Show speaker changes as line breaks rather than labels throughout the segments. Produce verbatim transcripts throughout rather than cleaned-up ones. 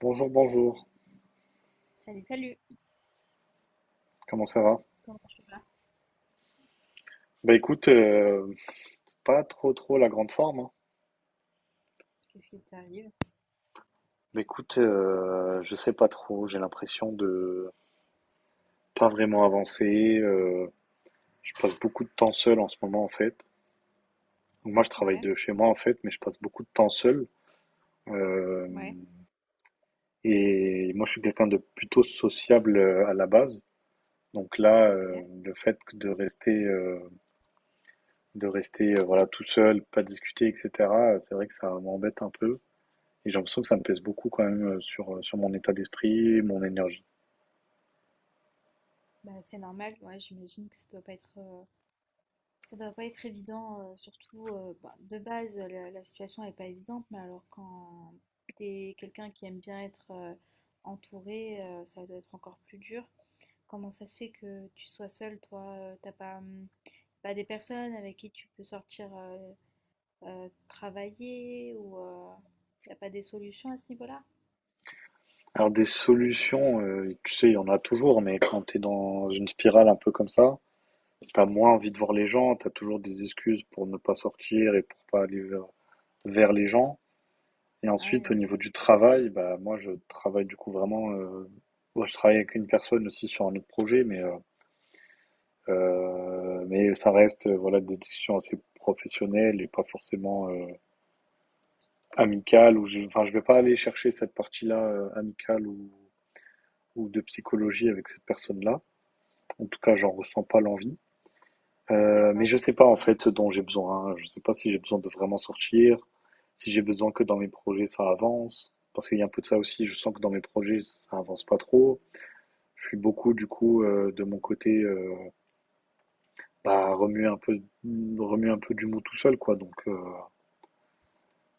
Bonjour, bonjour.
Salut, salut.
Comment ça va?
Comment tu vas?
Bah écoute, euh, c'est pas trop trop la grande forme, hein.
Qu'est-ce qui t'arrive?
Bah écoute, euh, je sais pas trop. J'ai l'impression de pas vraiment avancer. euh, je passe beaucoup de temps seul en ce moment en fait. Donc moi je travaille
Ouais,
de chez moi en fait, mais je passe beaucoup de temps seul. Euh,
ouais,
et moi je suis quelqu'un de plutôt sociable euh, à la base. Donc là, euh,
ok.
le fait que de rester, euh, de rester euh, voilà tout seul, pas discuter, et cetera. C'est vrai que ça m'embête un peu. Et j'ai l'impression que ça me pèse beaucoup quand même euh, sur, euh, sur mon état d'esprit, mon énergie.
Bah, c'est normal, ouais, j'imagine que ça doit pas être, euh, ça doit pas être évident, euh, surtout euh, bah, de base, la, la situation est pas évidente, mais alors quand t'es quelqu'un qui aime bien être euh, entouré, euh, ça doit être encore plus dur. Comment ça se fait que tu sois seul, toi? euh, T'as pas, hum, pas des personnes avec qui tu peux sortir euh, euh, travailler ou euh, y a pas des solutions à ce niveau-là?
Alors des solutions, euh, tu sais, il y en a toujours, mais quand t'es dans une spirale un peu comme ça, t'as moins envie de voir les gens, t'as toujours des excuses pour ne pas sortir et pour pas aller vers, vers les gens. Et
Ah oui,
ensuite, au
oui,
niveau du travail, bah moi je travaille du coup vraiment, euh, moi, je travaille avec une personne aussi sur un autre projet, mais euh, euh, mais ça reste euh, voilà des discussions assez professionnelles et pas forcément euh, amicale ou je, enfin, je vais pas aller chercher cette partie-là euh, amicale ou, ou de psychologie avec cette personne-là. En tout cas, j'en ressens pas l'envie. Euh, mais
d'accord.
je sais pas en fait ce dont j'ai besoin. Je sais pas si j'ai besoin de vraiment sortir, si j'ai besoin que dans mes projets ça avance. Parce qu'il y a un peu de ça aussi. Je sens que dans mes projets ça avance pas trop. Je suis beaucoup du coup euh, de mon côté euh, bah, remuer un peu remuer un peu du mou tout seul quoi. Donc euh,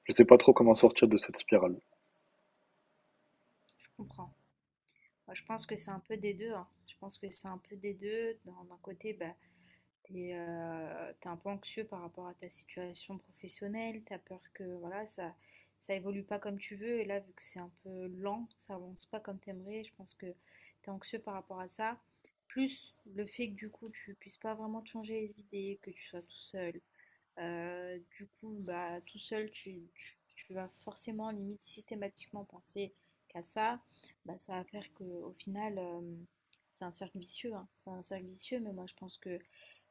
je sais pas trop comment sortir de cette spirale.
Je comprends. Moi, je pense que c'est un peu des deux, hein. Je pense que c'est un peu des deux. D'un d'un côté, bah, t'es euh, t'es un peu anxieux par rapport à ta situation professionnelle. T'as peur que voilà, ça ça évolue pas comme tu veux. Et là, vu que c'est un peu lent, ça avance pas comme t'aimerais. Je pense que t'es anxieux par rapport à ça. Plus le fait que du coup, tu puisses pas vraiment te changer les idées, que tu sois tout seul, euh, du coup, bah, tout seul, tu, tu- tu vas forcément, limite, systématiquement penser qu'à ça. Bah, ça va faire qu'au final, euh, c'est un cercle vicieux, hein. C'est un cercle vicieux, mais moi, je pense que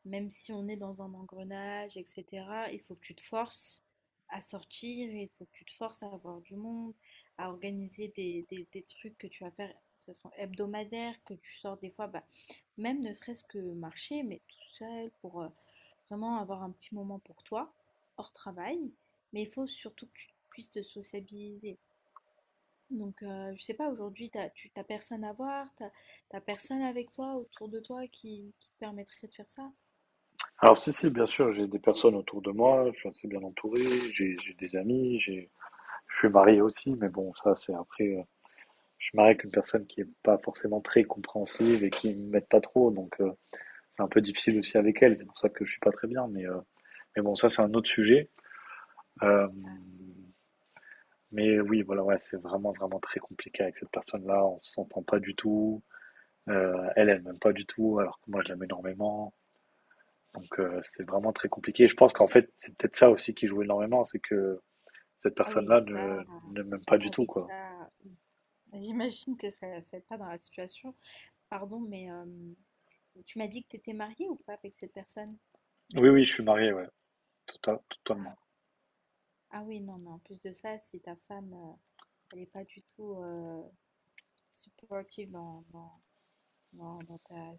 même si on est dans un engrenage, et cetera, il faut que tu te forces à sortir, il faut que tu te forces à avoir du monde, à organiser des, des- des trucs que tu vas faire de façon hebdomadaire, que tu sors des fois, bah, même ne serait-ce que marcher, mais tout seul pour... euh, vraiment avoir un petit moment pour toi, hors travail, mais il faut surtout que tu puisses te sociabiliser. Donc, euh, je sais pas, aujourd'hui, t'as, tu t'as personne à voir, t'as, t'as personne avec toi, autour de toi, qui, qui te permettrait de faire ça.
Alors si, si, bien sûr, j'ai des personnes autour de moi, je suis assez bien entouré, j'ai j'ai des amis, j'ai je suis marié aussi, mais bon, ça c'est après, euh, je suis marié avec une personne qui est pas forcément très compréhensive et qui m'aide pas trop, donc euh, c'est un peu difficile aussi avec elle, c'est pour ça que je suis pas très bien, mais, euh, mais bon, ça c'est un autre sujet. Euh,
Ah,
mais oui, voilà, ouais, c'est vraiment, vraiment très compliqué avec cette personne-là, on s'entend pas du tout, euh, elle, elle m'aime pas du tout, alors que moi je l'aime énormément. Donc euh, c'était vraiment très compliqué. Et je pense qu'en fait, c'est peut-être ça aussi qui joue énormément, c'est que cette
ah oui,
personne-là
ça,
ne, ne m'aime pas du
ah
tout,
oui,
quoi.
ça, j'imagine que ça, ça aide pas dans la situation. Pardon, mais euh, tu m'as dit que t'étais mariée ou pas avec cette personne?
Oui, oui, je suis marié, ouais, tout à,
Ah,
totalement.
ah oui, non, mais en plus de ça, si ta femme, euh, elle est pas du tout euh, supportive dans, dans non, dans ta,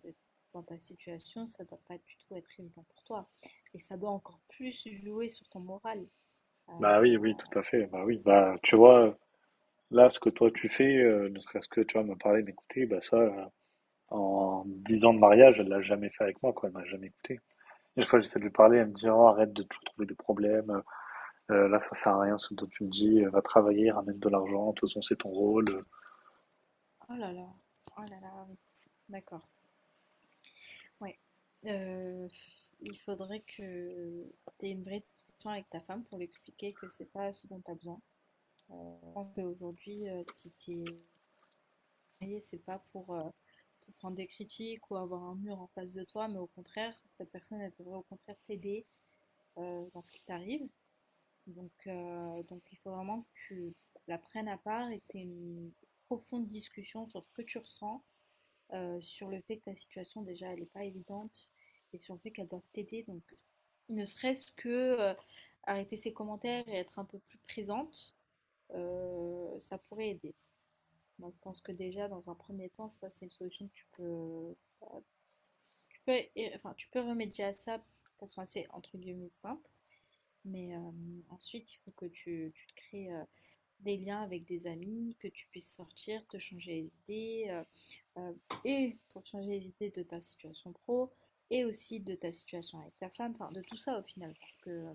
dans ta situation, ça doit pas du tout être évident pour toi. Et ça doit encore plus jouer sur ton moral. Euh,
Bah oui, oui, tout
oh
à fait. Bah oui, bah tu vois, là, ce que toi tu fais, euh, ne serait-ce que tu vas me parler, m'écouter, bah ça, euh, en dix ans de mariage, elle l'a jamais fait avec moi, quoi. Elle m'a jamais écouté. Une fois, j'essaie de lui parler, elle me dit, oh, arrête de toujours trouver des problèmes. Euh, là, ça sert à rien ce dont tu me dis. Euh, Va travailler, ramène de l'argent. De toute façon, c'est ton rôle.
là là, oh là là, oui. D'accord. Ouais. Euh, il faudrait que tu aies une vraie discussion avec ta femme pour lui expliquer que c'est pas ce dont tu as besoin. Euh, je pense qu'aujourd'hui, euh, si tu es marié, c'est pas pour euh, te prendre des critiques ou avoir un mur en face de toi, mais au contraire, cette personne, elle devrait au contraire t'aider euh, dans ce qui t'arrive. Donc, heu, donc il faut vraiment que tu la prennes à part et que tu aies une profonde discussion sur ce que tu ressens, heu, sur le fait que ta situation déjà elle est pas évidente et sur le fait qu'elles doivent t'aider. Donc ne serait-ce que, heu, arrêter ses commentaires et être un peu plus présente, heu, ça pourrait aider. Moi, je pense que déjà dans un premier temps, ça c'est une solution que tu peux tu peux é enfin tu peux remédier à ça de façon assez entre guillemets «simple». Mais, hem, ensuite il faut que tu tu te crées, heu des liens avec des amis, que tu puisses sortir, te changer les idées, euh, euh, et pour te changer les idées de ta situation pro, et aussi de ta situation avec ta femme, enfin de tout ça au final, parce que... euh,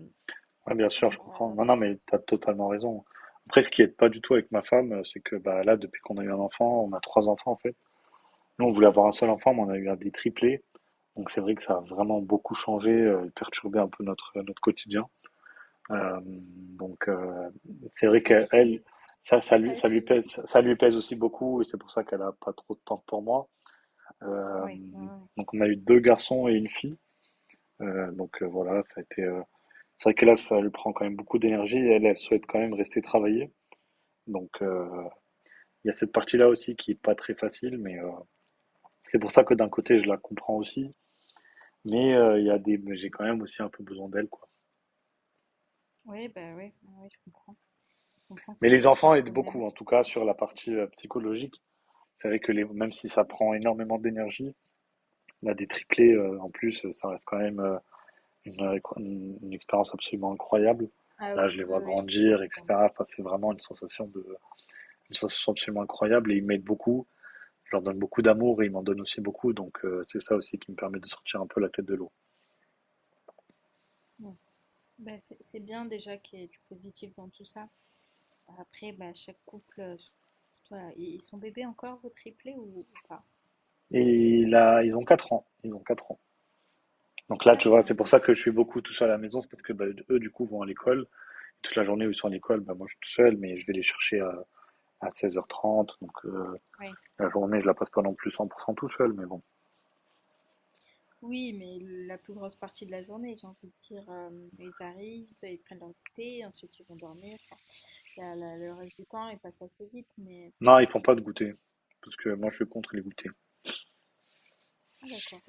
Ouais, bien sûr, je comprends. Non, non, mais tu as totalement raison. Après, ce qui aide pas du tout avec ma femme, euh, c'est que bah, là, depuis qu'on a eu un enfant, on a trois enfants en fait. Nous, on voulait avoir un seul enfant, mais on a eu un des triplés. Donc c'est vrai que ça a vraiment beaucoup changé, euh, perturbé un peu notre, euh, notre quotidien. Euh, donc euh, c'est vrai
ah oui,
qu'elle, ça,
ça
ça
doit pas
lui, ça
être
lui
évident.
pèse, ça lui pèse aussi beaucoup, et c'est pour ça qu'elle a pas trop de temps pour moi. Euh,
Oui, ouais, ouais, ouais.
donc on a eu deux garçons et une fille. Euh, donc euh, voilà, ça a été euh, c'est vrai que là, ça lui prend quand même beaucoup d'énergie et elle, elle souhaite quand même rester travailler. Donc, euh, il y a cette partie-là aussi qui est pas très facile, mais euh, c'est pour ça que d'un côté, je la comprends aussi. Mais euh, il y a des, mais j'ai quand même aussi un peu besoin d'elle, quoi.
Ouais, bah ouais, ouais, je comprends. Je comprends
Mais les
que je
enfants
pense
aident
que même.
beaucoup, en tout cas, sur la partie euh, psychologique. C'est vrai que les, même si ça prend énormément d'énergie, là, des triplés, euh, en plus, ça reste quand même euh, une, une- une expérience absolument incroyable.
Ah
Là,
oui,
je les
ah
vois
oui, je
grandir,
comprends.
et cetera. Enfin, c'est vraiment une sensation de, une sensation absolument incroyable et ils m'aident beaucoup. je leur donne beaucoup d'amour et ils m'en donnent aussi beaucoup. Donc euh, c'est ça aussi qui me permet de sortir un peu la tête de l'eau.
Ouais. Bah, c'est c'est bien déjà qu'il y ait du positif dans tout ça. Après, bah, chaque couple, euh, surtout, euh, ils ils sont bébés encore, vos triplés ou, ou pas?
Et là, ils ont quatre ans. Ils ont quatre ans. Donc là, tu
quatre
vois, c'est
ans,
pour ça que je suis beaucoup tout seul à la maison. C'est parce que bah, eux, du coup, vont à l'école. Toute la journée où ils sont à l'école, bah, moi, je suis tout seul, mais je vais les chercher à, à seize heures trente. Donc euh,
ok.
la journée, je la passe pas non plus cent pour cent tout seul. Mais bon.
Oui, mais la plus grosse partie de la journée, j'ai envie de dire, euh, ils arrivent, ils prennent leur thé, ensuite ils vont dormir. Enfin, la- la- le reste du temps, il passe assez vite, mais.
Non, ils font pas de goûter. Parce que moi, je suis contre les goûters.
Ah d'accord.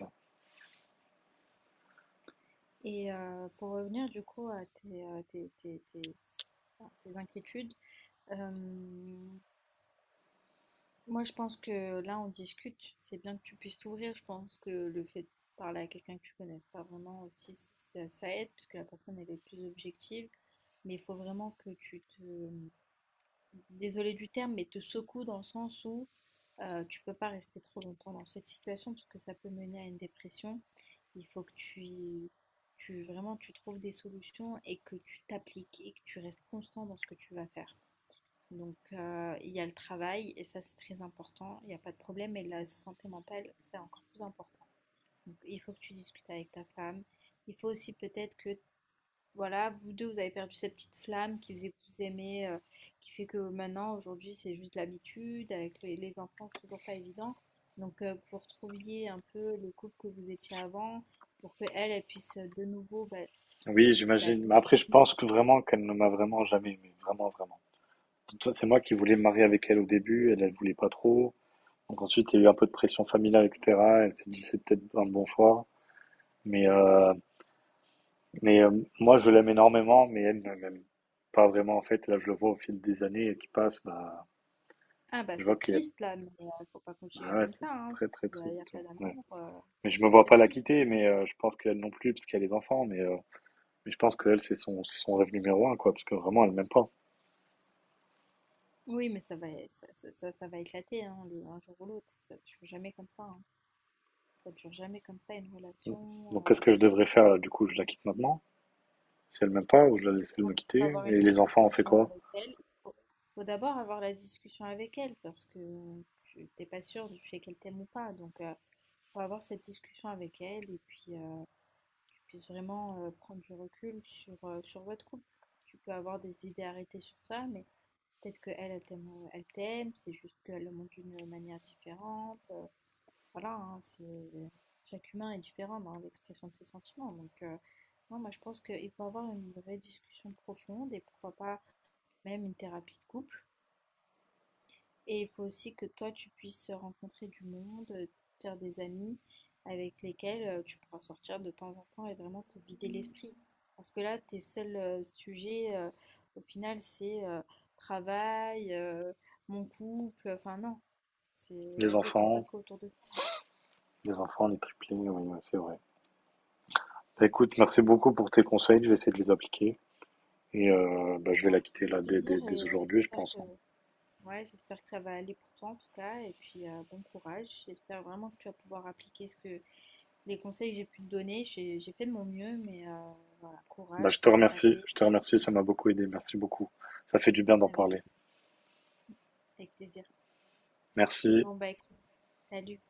Et euh, pour revenir du coup à tes, euh, tes, tes- tes- enfin, tes inquiétudes, euh, moi je pense que là on discute, c'est bien que tu puisses t'ouvrir, je pense que le fait de parler à quelqu'un que tu connaisses pas vraiment aussi, ça, ça aide, parce que la personne elle est plus objective, mais il faut vraiment que tu te, désolée du terme, mais te secoue dans le sens où heu, tu peux pas rester trop longtemps dans cette situation parce que ça peut mener à une dépression. Il faut que tu tu vraiment tu trouves des solutions et que tu t'appliques et que tu restes constant dans ce que tu vas faire. Donc heu, il y a le travail et ça c'est très important, il y a pas de problème, et la santé mentale, c'est encore plus important. Donc il faut que tu discutes avec ta femme. Il faut aussi peut-être que voilà, vous deux, vous avez perdu cette petite flamme qui faisait que vous aimez, heu, qui fait que maintenant, aujourd'hui, c'est juste l'habitude. Avec les les enfants, c'est toujours pas évident. Donc, heu, que vous retrouviez un peu le couple que vous étiez avant pour que elle elle puisse, heu, de nouveau, bah
Oui,
bah,
j'imagine.
te
Mais après, je
soutenir.
pense que vraiment qu'elle ne m'a vraiment jamais aimé. Vraiment, vraiment. C'est moi qui voulais me marier avec elle au début. Elle, elle voulait pas trop. Donc ensuite, il y a eu un peu de pression familiale, et cetera. Elle s'est dit c'est peut-être un bon choix. Mais, euh, mais euh, moi, je l'aime énormément, mais elle ne m'aime pas vraiment, en fait. Et Là, je le vois au fil des années qui passent. Bah,
Ah bah,
je vois
c'est
qu'il y a...
triste là, mais heu, faut pas continuer
Ah ouais,
comme
c'est
ça, hein.
très, très
S'il y a
triste.
pas
Ouais.
d'amour, heu, c'est
Mais je me
très,
vois
très
pas la
triste.
quitter, mais euh, je pense qu'elle non plus, parce qu'elle a les enfants. Mais, euh, mais je pense qu'elle, c'est son, c'est son rêve numéro un, quoi, parce que vraiment, elle m'aime pas.
Oui, mais ça va ça ça ça ça va éclater, hein, le un jour ou l'autre. Ça dure jamais comme ça, hein. Ça dure jamais comme ça une
Donc, qu'est-ce
relation, heu
que je devrais faire? là Du coup, je la quitte maintenant, si elle m'aime pas, ou je la laisse
je
elle me
pense qu'il faut
quitter.
avoir une
Et
vraie
les enfants, on fait
discussion
quoi?
avec elle. Il faut, faut d'abord avoir la discussion avec elle parce que tu t'es pas sûr du fait qu'elle t'aime ou pas. Donc, euh, faut avoir cette discussion avec elle et puis euh, que tu puisses vraiment euh, prendre du recul sur, euh, sur votre couple. Tu peux avoir des idées arrêtées sur ça, mais peut-être que elle, elle t'aime, euh, elle t'aime, c'est juste qu'elle le montre d'une manière différente. Euh, voilà, hein, c'est chaque humain est différent dans l'expression de ses sentiments. Donc, euh, non, moi, je pense qu'il faut avoir une vraie discussion profonde et pourquoi pas même une thérapie de couple. Et il faut aussi que toi, tu puisses rencontrer du monde, euh, faire des amis avec lesquels euh, tu pourras sortir de temps en temps et vraiment te vider l'esprit. Parce que là, tes seuls euh, sujets, euh, au final, c'est euh, travail, euh, mon couple. Enfin, non, c'est
Les
la vie, elle ne tourne pas
enfants,
qu'autour de ça.
les enfants, les triplés, oui, ouais, c'est vrai. Bah, écoute, merci beaucoup pour tes conseils. Je vais essayer de les appliquer. Et euh, bah, je vais la quitter
Avec
là dès,
plaisir
dès- dès
et
aujourd'hui, je
j'espère
pense,
que
hein.
ouais, j'espère que ça va aller pour toi en tout cas et puis euh, bon courage. J'espère vraiment que tu vas pouvoir appliquer ce que les conseils que j'ai pu te donner. J'ai j'ai fait de mon mieux, mais euh, voilà,
Bah,
courage,
je te
ça va
remercie.
passer
Je te remercie. Ça m'a beaucoup aidé. Merci beaucoup. Ça fait du bien d'en
avec
parler.
avec plaisir.
Merci.
Bon bah écoute, salut.